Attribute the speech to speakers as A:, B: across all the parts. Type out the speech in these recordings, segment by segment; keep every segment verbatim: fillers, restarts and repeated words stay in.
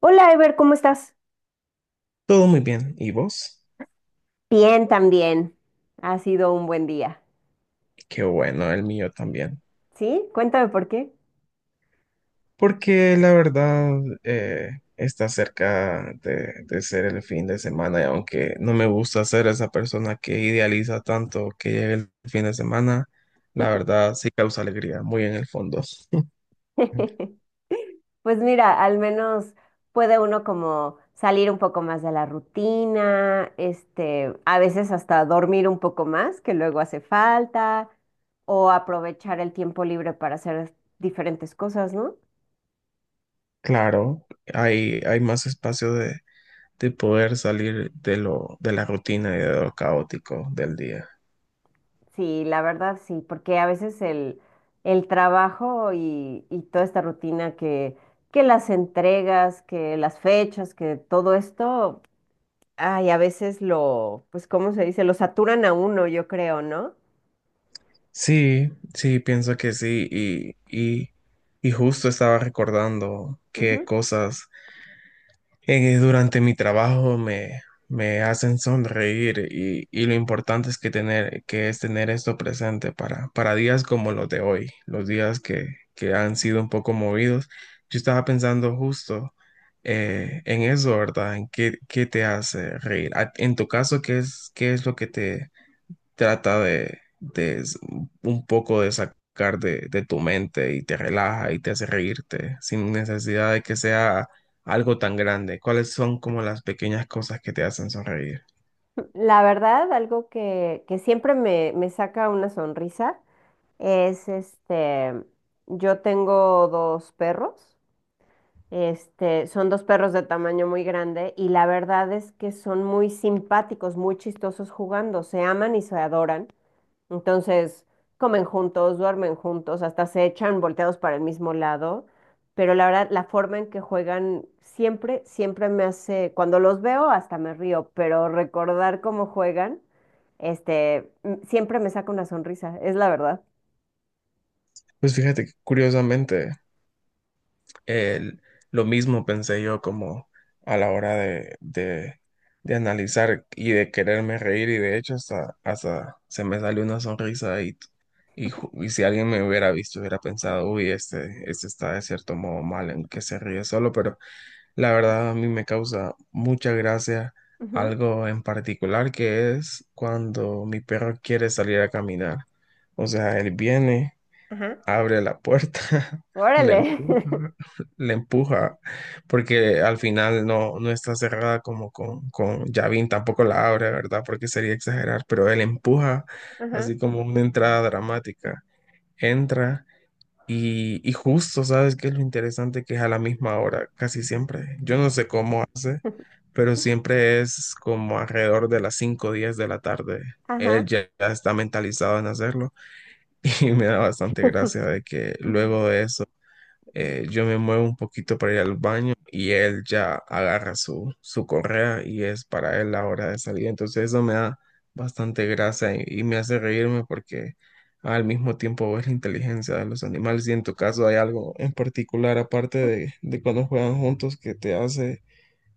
A: Hola, Ever, ¿cómo estás?
B: Todo muy bien. ¿Y vos?
A: Bien, también. Ha sido un buen día.
B: Qué bueno, el mío también.
A: ¿Sí? Cuéntame por qué.
B: Porque la verdad eh, está cerca de, de ser el fin de semana y aunque no me gusta ser esa persona que idealiza tanto que llegue el fin de semana, la verdad sí causa alegría, muy en el fondo. Ok.
A: Pues mira, al menos puede uno como salir un poco más de la rutina, este, a veces hasta dormir un poco más, que luego hace falta, o aprovechar el tiempo libre para hacer diferentes cosas, ¿no?
B: Claro, hay, hay más espacio de, de poder salir de lo, de la rutina y de lo caótico del día.
A: Sí, la verdad sí, porque a veces el, el trabajo y, y toda esta rutina que, que las entregas, que las fechas, que todo esto, ay, a veces lo, pues, ¿cómo se dice? Lo saturan a uno, yo creo, ¿no?
B: Sí, sí, pienso que sí. Y, y, y justo estaba recordando qué
A: Ujú.
B: cosas eh, durante mi trabajo me, me hacen sonreír y, y lo importante es que tener, que es tener esto presente para, para días como los de hoy, los días que, que han sido un poco movidos. Yo estaba pensando justo eh, en eso, ¿verdad? En qué, qué te hace reír. A- En tu caso, ¿qué es, qué es lo que te, trata de, de un poco de sacar de, de tu mente y te relaja y te hace reírte sin necesidad de que sea algo tan grande? ¿Cuáles son como las pequeñas cosas que te hacen sonreír?
A: La verdad, algo que, que siempre me, me saca una sonrisa es este, yo tengo dos perros. Este, son dos perros de tamaño muy grande y la verdad es que son muy simpáticos, muy chistosos jugando, se aman y se adoran. Entonces, comen juntos, duermen juntos, hasta se echan volteados para el mismo lado. Pero la verdad, la forma en que juegan siempre, siempre me hace, cuando los veo hasta me río, pero recordar cómo juegan, este, m- siempre me saca una sonrisa, es la verdad.
B: Pues fíjate que, curiosamente, el- lo mismo pensé yo como a la hora de, de, de analizar y de quererme reír y de hecho hasta, hasta se me salió una sonrisa y, y, ju- y si alguien me hubiera visto hubiera pensado, uy, este, este está de cierto modo mal en que se ríe solo, pero la verdad a mí me causa mucha gracia
A: Ujú.
B: algo en particular que es cuando mi perro quiere salir a caminar. O sea, él viene,
A: Ajá.
B: abre la puerta, la
A: Órale.
B: empuja, la empuja, porque al final no, no está cerrada como con, con Yavin, tampoco la abre, ¿verdad? Porque sería exagerar, pero él empuja,
A: Ajá.
B: así como una entrada dramática. Entra y, y justo, ¿sabes qué es lo interesante? Que es a la misma hora, casi siempre. Yo no sé cómo hace, pero siempre es como alrededor de las cinco o diez de la tarde. Él
A: Ajá.
B: ya ya está mentalizado en hacerlo. Y me da bastante gracia de que luego de eso, eh, yo me muevo un poquito para ir al baño y él ya agarra su, su correa y es para él la hora de salir. Entonces eso me da bastante gracia y, y me hace reírme porque al mismo tiempo ves la inteligencia de los animales. Y en tu caso, ¿hay algo en particular aparte de, de cuando juegan juntos que te hace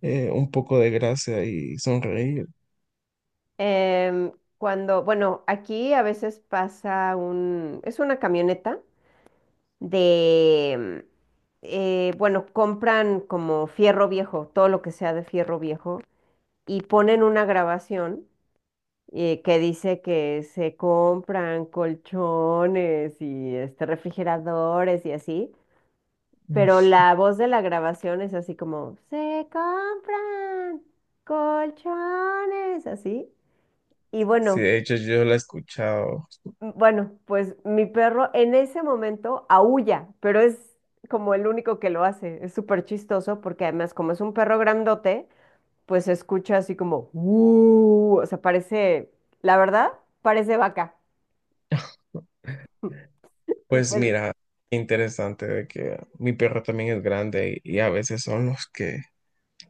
B: eh, un poco de gracia y sonreír?
A: Em, Cuando, bueno, aquí a veces pasa un, es una camioneta de, eh, bueno, compran como fierro viejo, todo lo que sea de fierro viejo, y ponen una grabación eh, que dice que se compran colchones y este, refrigeradores y así,
B: Mm.
A: pero la voz de la grabación es así como, se compran colchones, así. Y
B: Sí,
A: bueno.
B: de hecho yo la he escuchado.
A: Bueno, pues mi perro en ese momento aúlla, pero es como el único que lo hace. Es súper chistoso porque además como es un perro grandote, pues se escucha así como, "Uh", o sea, parece, la verdad, parece vaca. Y
B: Pues
A: pues,
B: mira, interesante de que mi perro también es grande y, y a veces son los que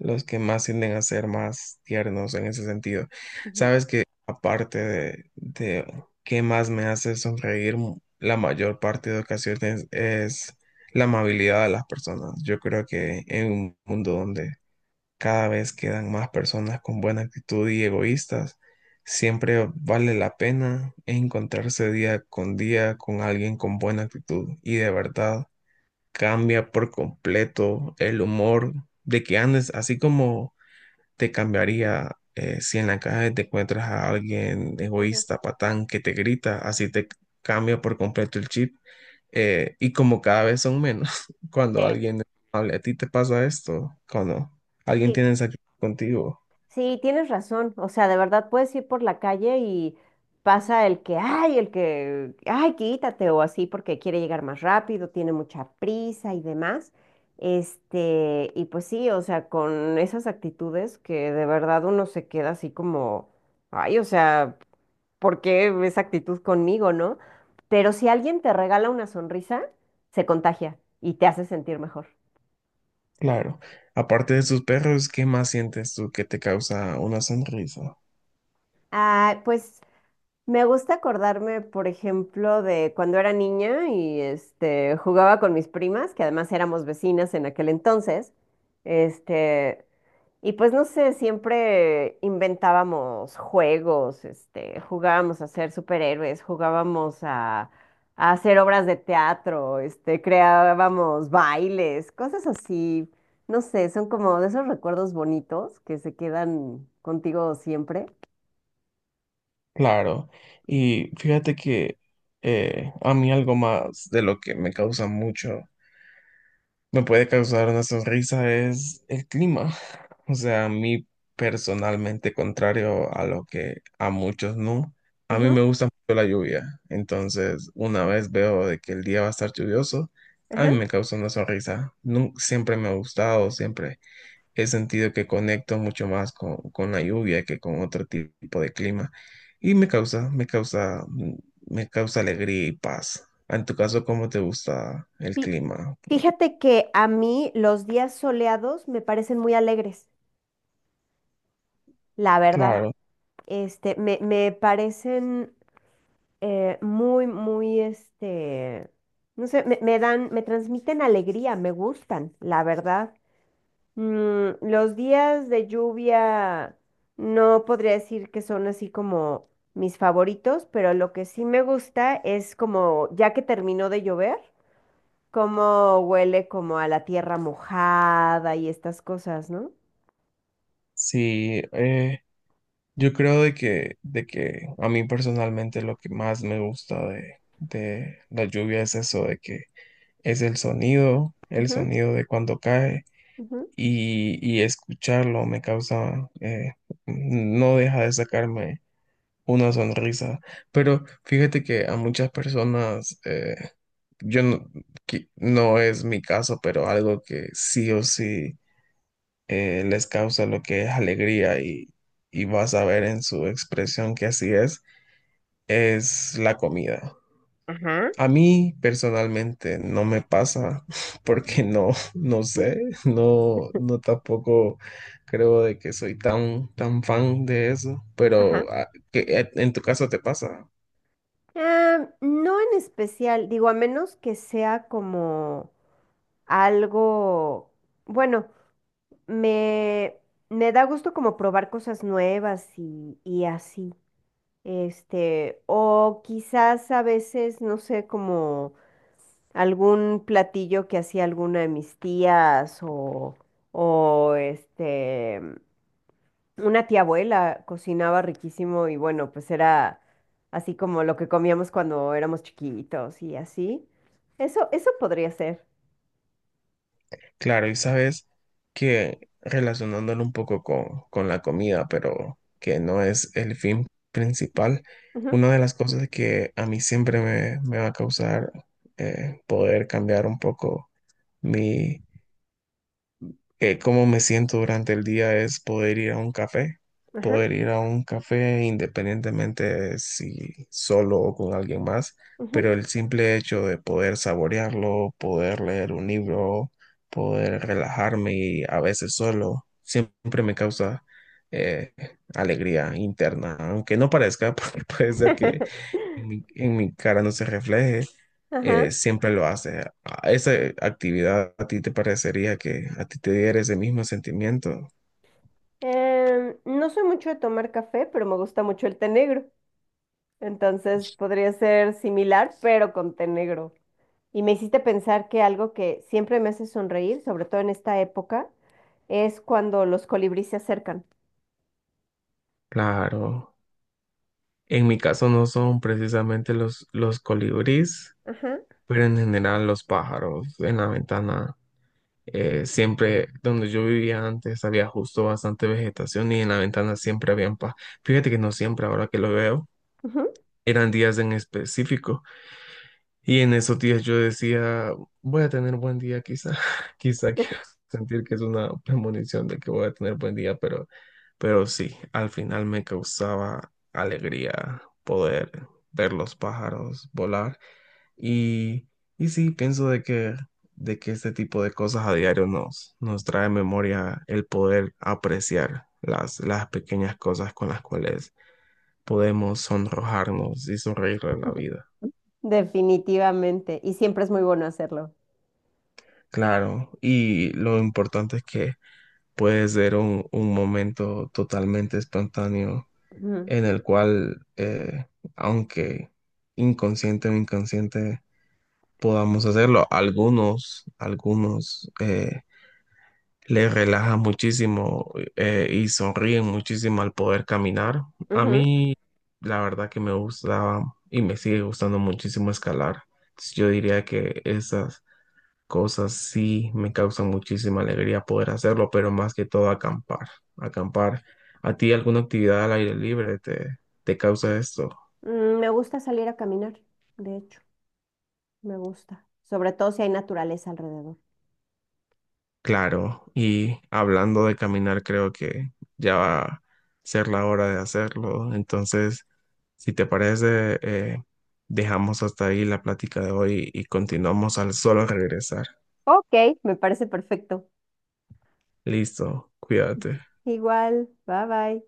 B: los que más tienden a ser más tiernos en ese sentido.
A: ujú,
B: Sabes que, aparte de, de qué más me hace sonreír, mu- la mayor parte de ocasiones es la amabilidad de las personas. Yo creo que en un mundo donde cada vez quedan más personas con buena actitud y egoístas. Siempre vale la pena encontrarse día con día con alguien con buena actitud y de verdad cambia por completo el humor de que andes, así como te cambiaría, eh, si en la calle te encuentras a alguien
A: ujú,
B: egoísta, patán, que te grita, así te cambia por completo el chip, eh, y como cada vez son menos, cuando
A: sí.
B: alguien es amable, a ti te pasa esto, cuando alguien
A: Sí.
B: tiene esa actitud contigo,
A: Sí, tienes razón. O sea, de verdad puedes ir por la calle y pasa el que, ay, el que, ay, quítate o así porque quiere llegar más rápido, tiene mucha prisa y demás. Este, y pues sí, o sea, con esas actitudes que de verdad uno se queda así como, ay, o sea, ¿por qué esa actitud conmigo, no? Pero si alguien te regala una sonrisa, se contagia y te hace sentir mejor.
B: claro. Aparte de sus perros, ¿qué más sientes tú que te causa una sonrisa?
A: Ah, pues me gusta acordarme, por ejemplo, de cuando era niña y este jugaba con mis primas, que además éramos vecinas en aquel entonces. Este, y pues no sé, siempre inventábamos juegos, este, jugábamos a ser superhéroes, jugábamos a, a hacer obras de teatro, este, creábamos bailes, cosas así. No sé, son como de esos recuerdos bonitos que se quedan contigo siempre.
B: Claro, y fíjate que, eh, a mí algo más de lo que me causa mucho me puede causar una sonrisa es el clima. O sea, a mí personalmente, contrario a lo que a muchos no, a mí
A: Ujú.
B: me gusta mucho la lluvia. Entonces, una vez veo de que el día va a estar lluvioso, a mí
A: Ajá.
B: me causa una sonrisa. Nun- siempre me ha gustado, siempre he sentido que conecto mucho más con, con la lluvia que con otro tipo de clima. Y me causa, me causa, me causa alegría y paz. En tu caso, ¿cómo te gusta el
A: Fí-
B: clima?
A: Fíjate que a mí los días soleados me parecen muy alegres, la verdad.
B: Claro.
A: Este, me, me parecen eh, muy, muy, este, no sé, me, me dan, me transmiten alegría, me gustan, la verdad. Mm, los días de lluvia no podría decir que son así como mis favoritos, pero lo que sí me gusta es como ya que terminó de llover, cómo huele como a la tierra mojada y estas cosas, ¿no?
B: Sí, eh, yo creo de que, de que a mí personalmente lo que más me gusta de, de la lluvia es eso, de que es el sonido, el
A: Ujú,
B: sonido de cuando cae
A: ujú.
B: y, y escucharlo me causa, eh, no deja de sacarme una sonrisa. Pero fíjate que a muchas personas, eh, yo no, que no es mi caso, pero algo que sí o sí eh, les causa lo que es alegría y, y vas a ver en su expresión que así es, es la comida.
A: Ajá,
B: A mí personalmente no me pasa, porque no, no sé, no, no tampoco creo de que soy tan, tan fan de eso,
A: ajá.
B: pero ah, que, eh, en tu caso te pasa.
A: Ah, no en especial, digo, a menos que sea como algo, bueno, me, me da gusto como probar cosas nuevas y, y así. Este, o quizás a veces, no sé, como algún platillo que hacía alguna de mis tías o, o este, una tía abuela cocinaba riquísimo y bueno, pues era así como lo que comíamos cuando éramos chiquitos y así. Eso, eso podría ser.
B: Claro, y sabes que, relacionándolo un poco con, con la comida, pero que no es el fin principal,
A: Ujú.
B: una de las cosas que a mí siempre me, me va a causar eh, poder cambiar un poco mi eh, cómo me siento durante el día es poder ir a un café,
A: Ajá,
B: poder ir a un café independientemente de si solo o con alguien más,
A: ujú.
B: pero el simple hecho de poder saborearlo, poder leer un libro, poder relajarme y a veces solo, siempre me causa eh, alegría interna, aunque no parezca, porque puede ser que en mi, en mi cara no se refleje,
A: Ajá.
B: eh, siempre lo haces. ¿A ¿Esa actividad a ti te parecería que a ti te diera ese mismo sentimiento?
A: Em, no soy mucho de tomar café, pero me gusta mucho el té negro. Entonces podría ser similar, pero con té negro. Y me hiciste pensar que algo que siempre me hace sonreír, sobre todo en esta época, es cuando los colibríes se acercan.
B: Claro. En mi caso no son precisamente los, los colibríes,
A: Ajá.
B: pero en general los pájaros en la ventana. Eh, siempre donde yo vivía antes había justo bastante vegetación y en la ventana siempre habían pájaros. Fíjate que no siempre, ahora que lo veo,
A: Ujú.
B: eran días en específico. Y en esos días yo decía, voy a tener buen día quizá, quizá quiero sentir que es una premonición de que voy a tener buen día, pero, pero sí, al final me causaba alegría poder ver los pájaros volar y, y sí, pienso de que, de que este tipo de cosas a diario nos, nos trae memoria el poder apreciar las, las pequeñas cosas con las cuales podemos sonrojarnos y sonreír en la vida.
A: Definitivamente. Y siempre es muy bueno hacerlo.
B: Claro, y lo importante es que puede ser un, un momento totalmente espontáneo
A: Ujú,
B: en el cual, eh, aunque inconsciente o inconsciente, podamos hacerlo. Algunos, algunos eh, les relaja muchísimo, eh, y sonríen muchísimo al poder caminar. A
A: ujú.
B: mí, la verdad que me gustaba y me sigue gustando muchísimo escalar. Yo diría que esas cosas sí me causan muchísima alegría poder hacerlo, pero más que todo acampar, acampar. ¿A ti alguna actividad al aire libre te, te causa esto?
A: Mm, Me gusta salir a caminar, de hecho, me gusta. Sobre todo si hay naturaleza alrededor.
B: Claro, y hablando de caminar, creo que ya va a ser la hora de hacerlo. Entonces, si te parece, eh, dejamos hasta ahí la plática de hoy y continuamos al solo regresar.
A: Ok, me parece perfecto.
B: Listo, cuídate.
A: Igual, bye bye.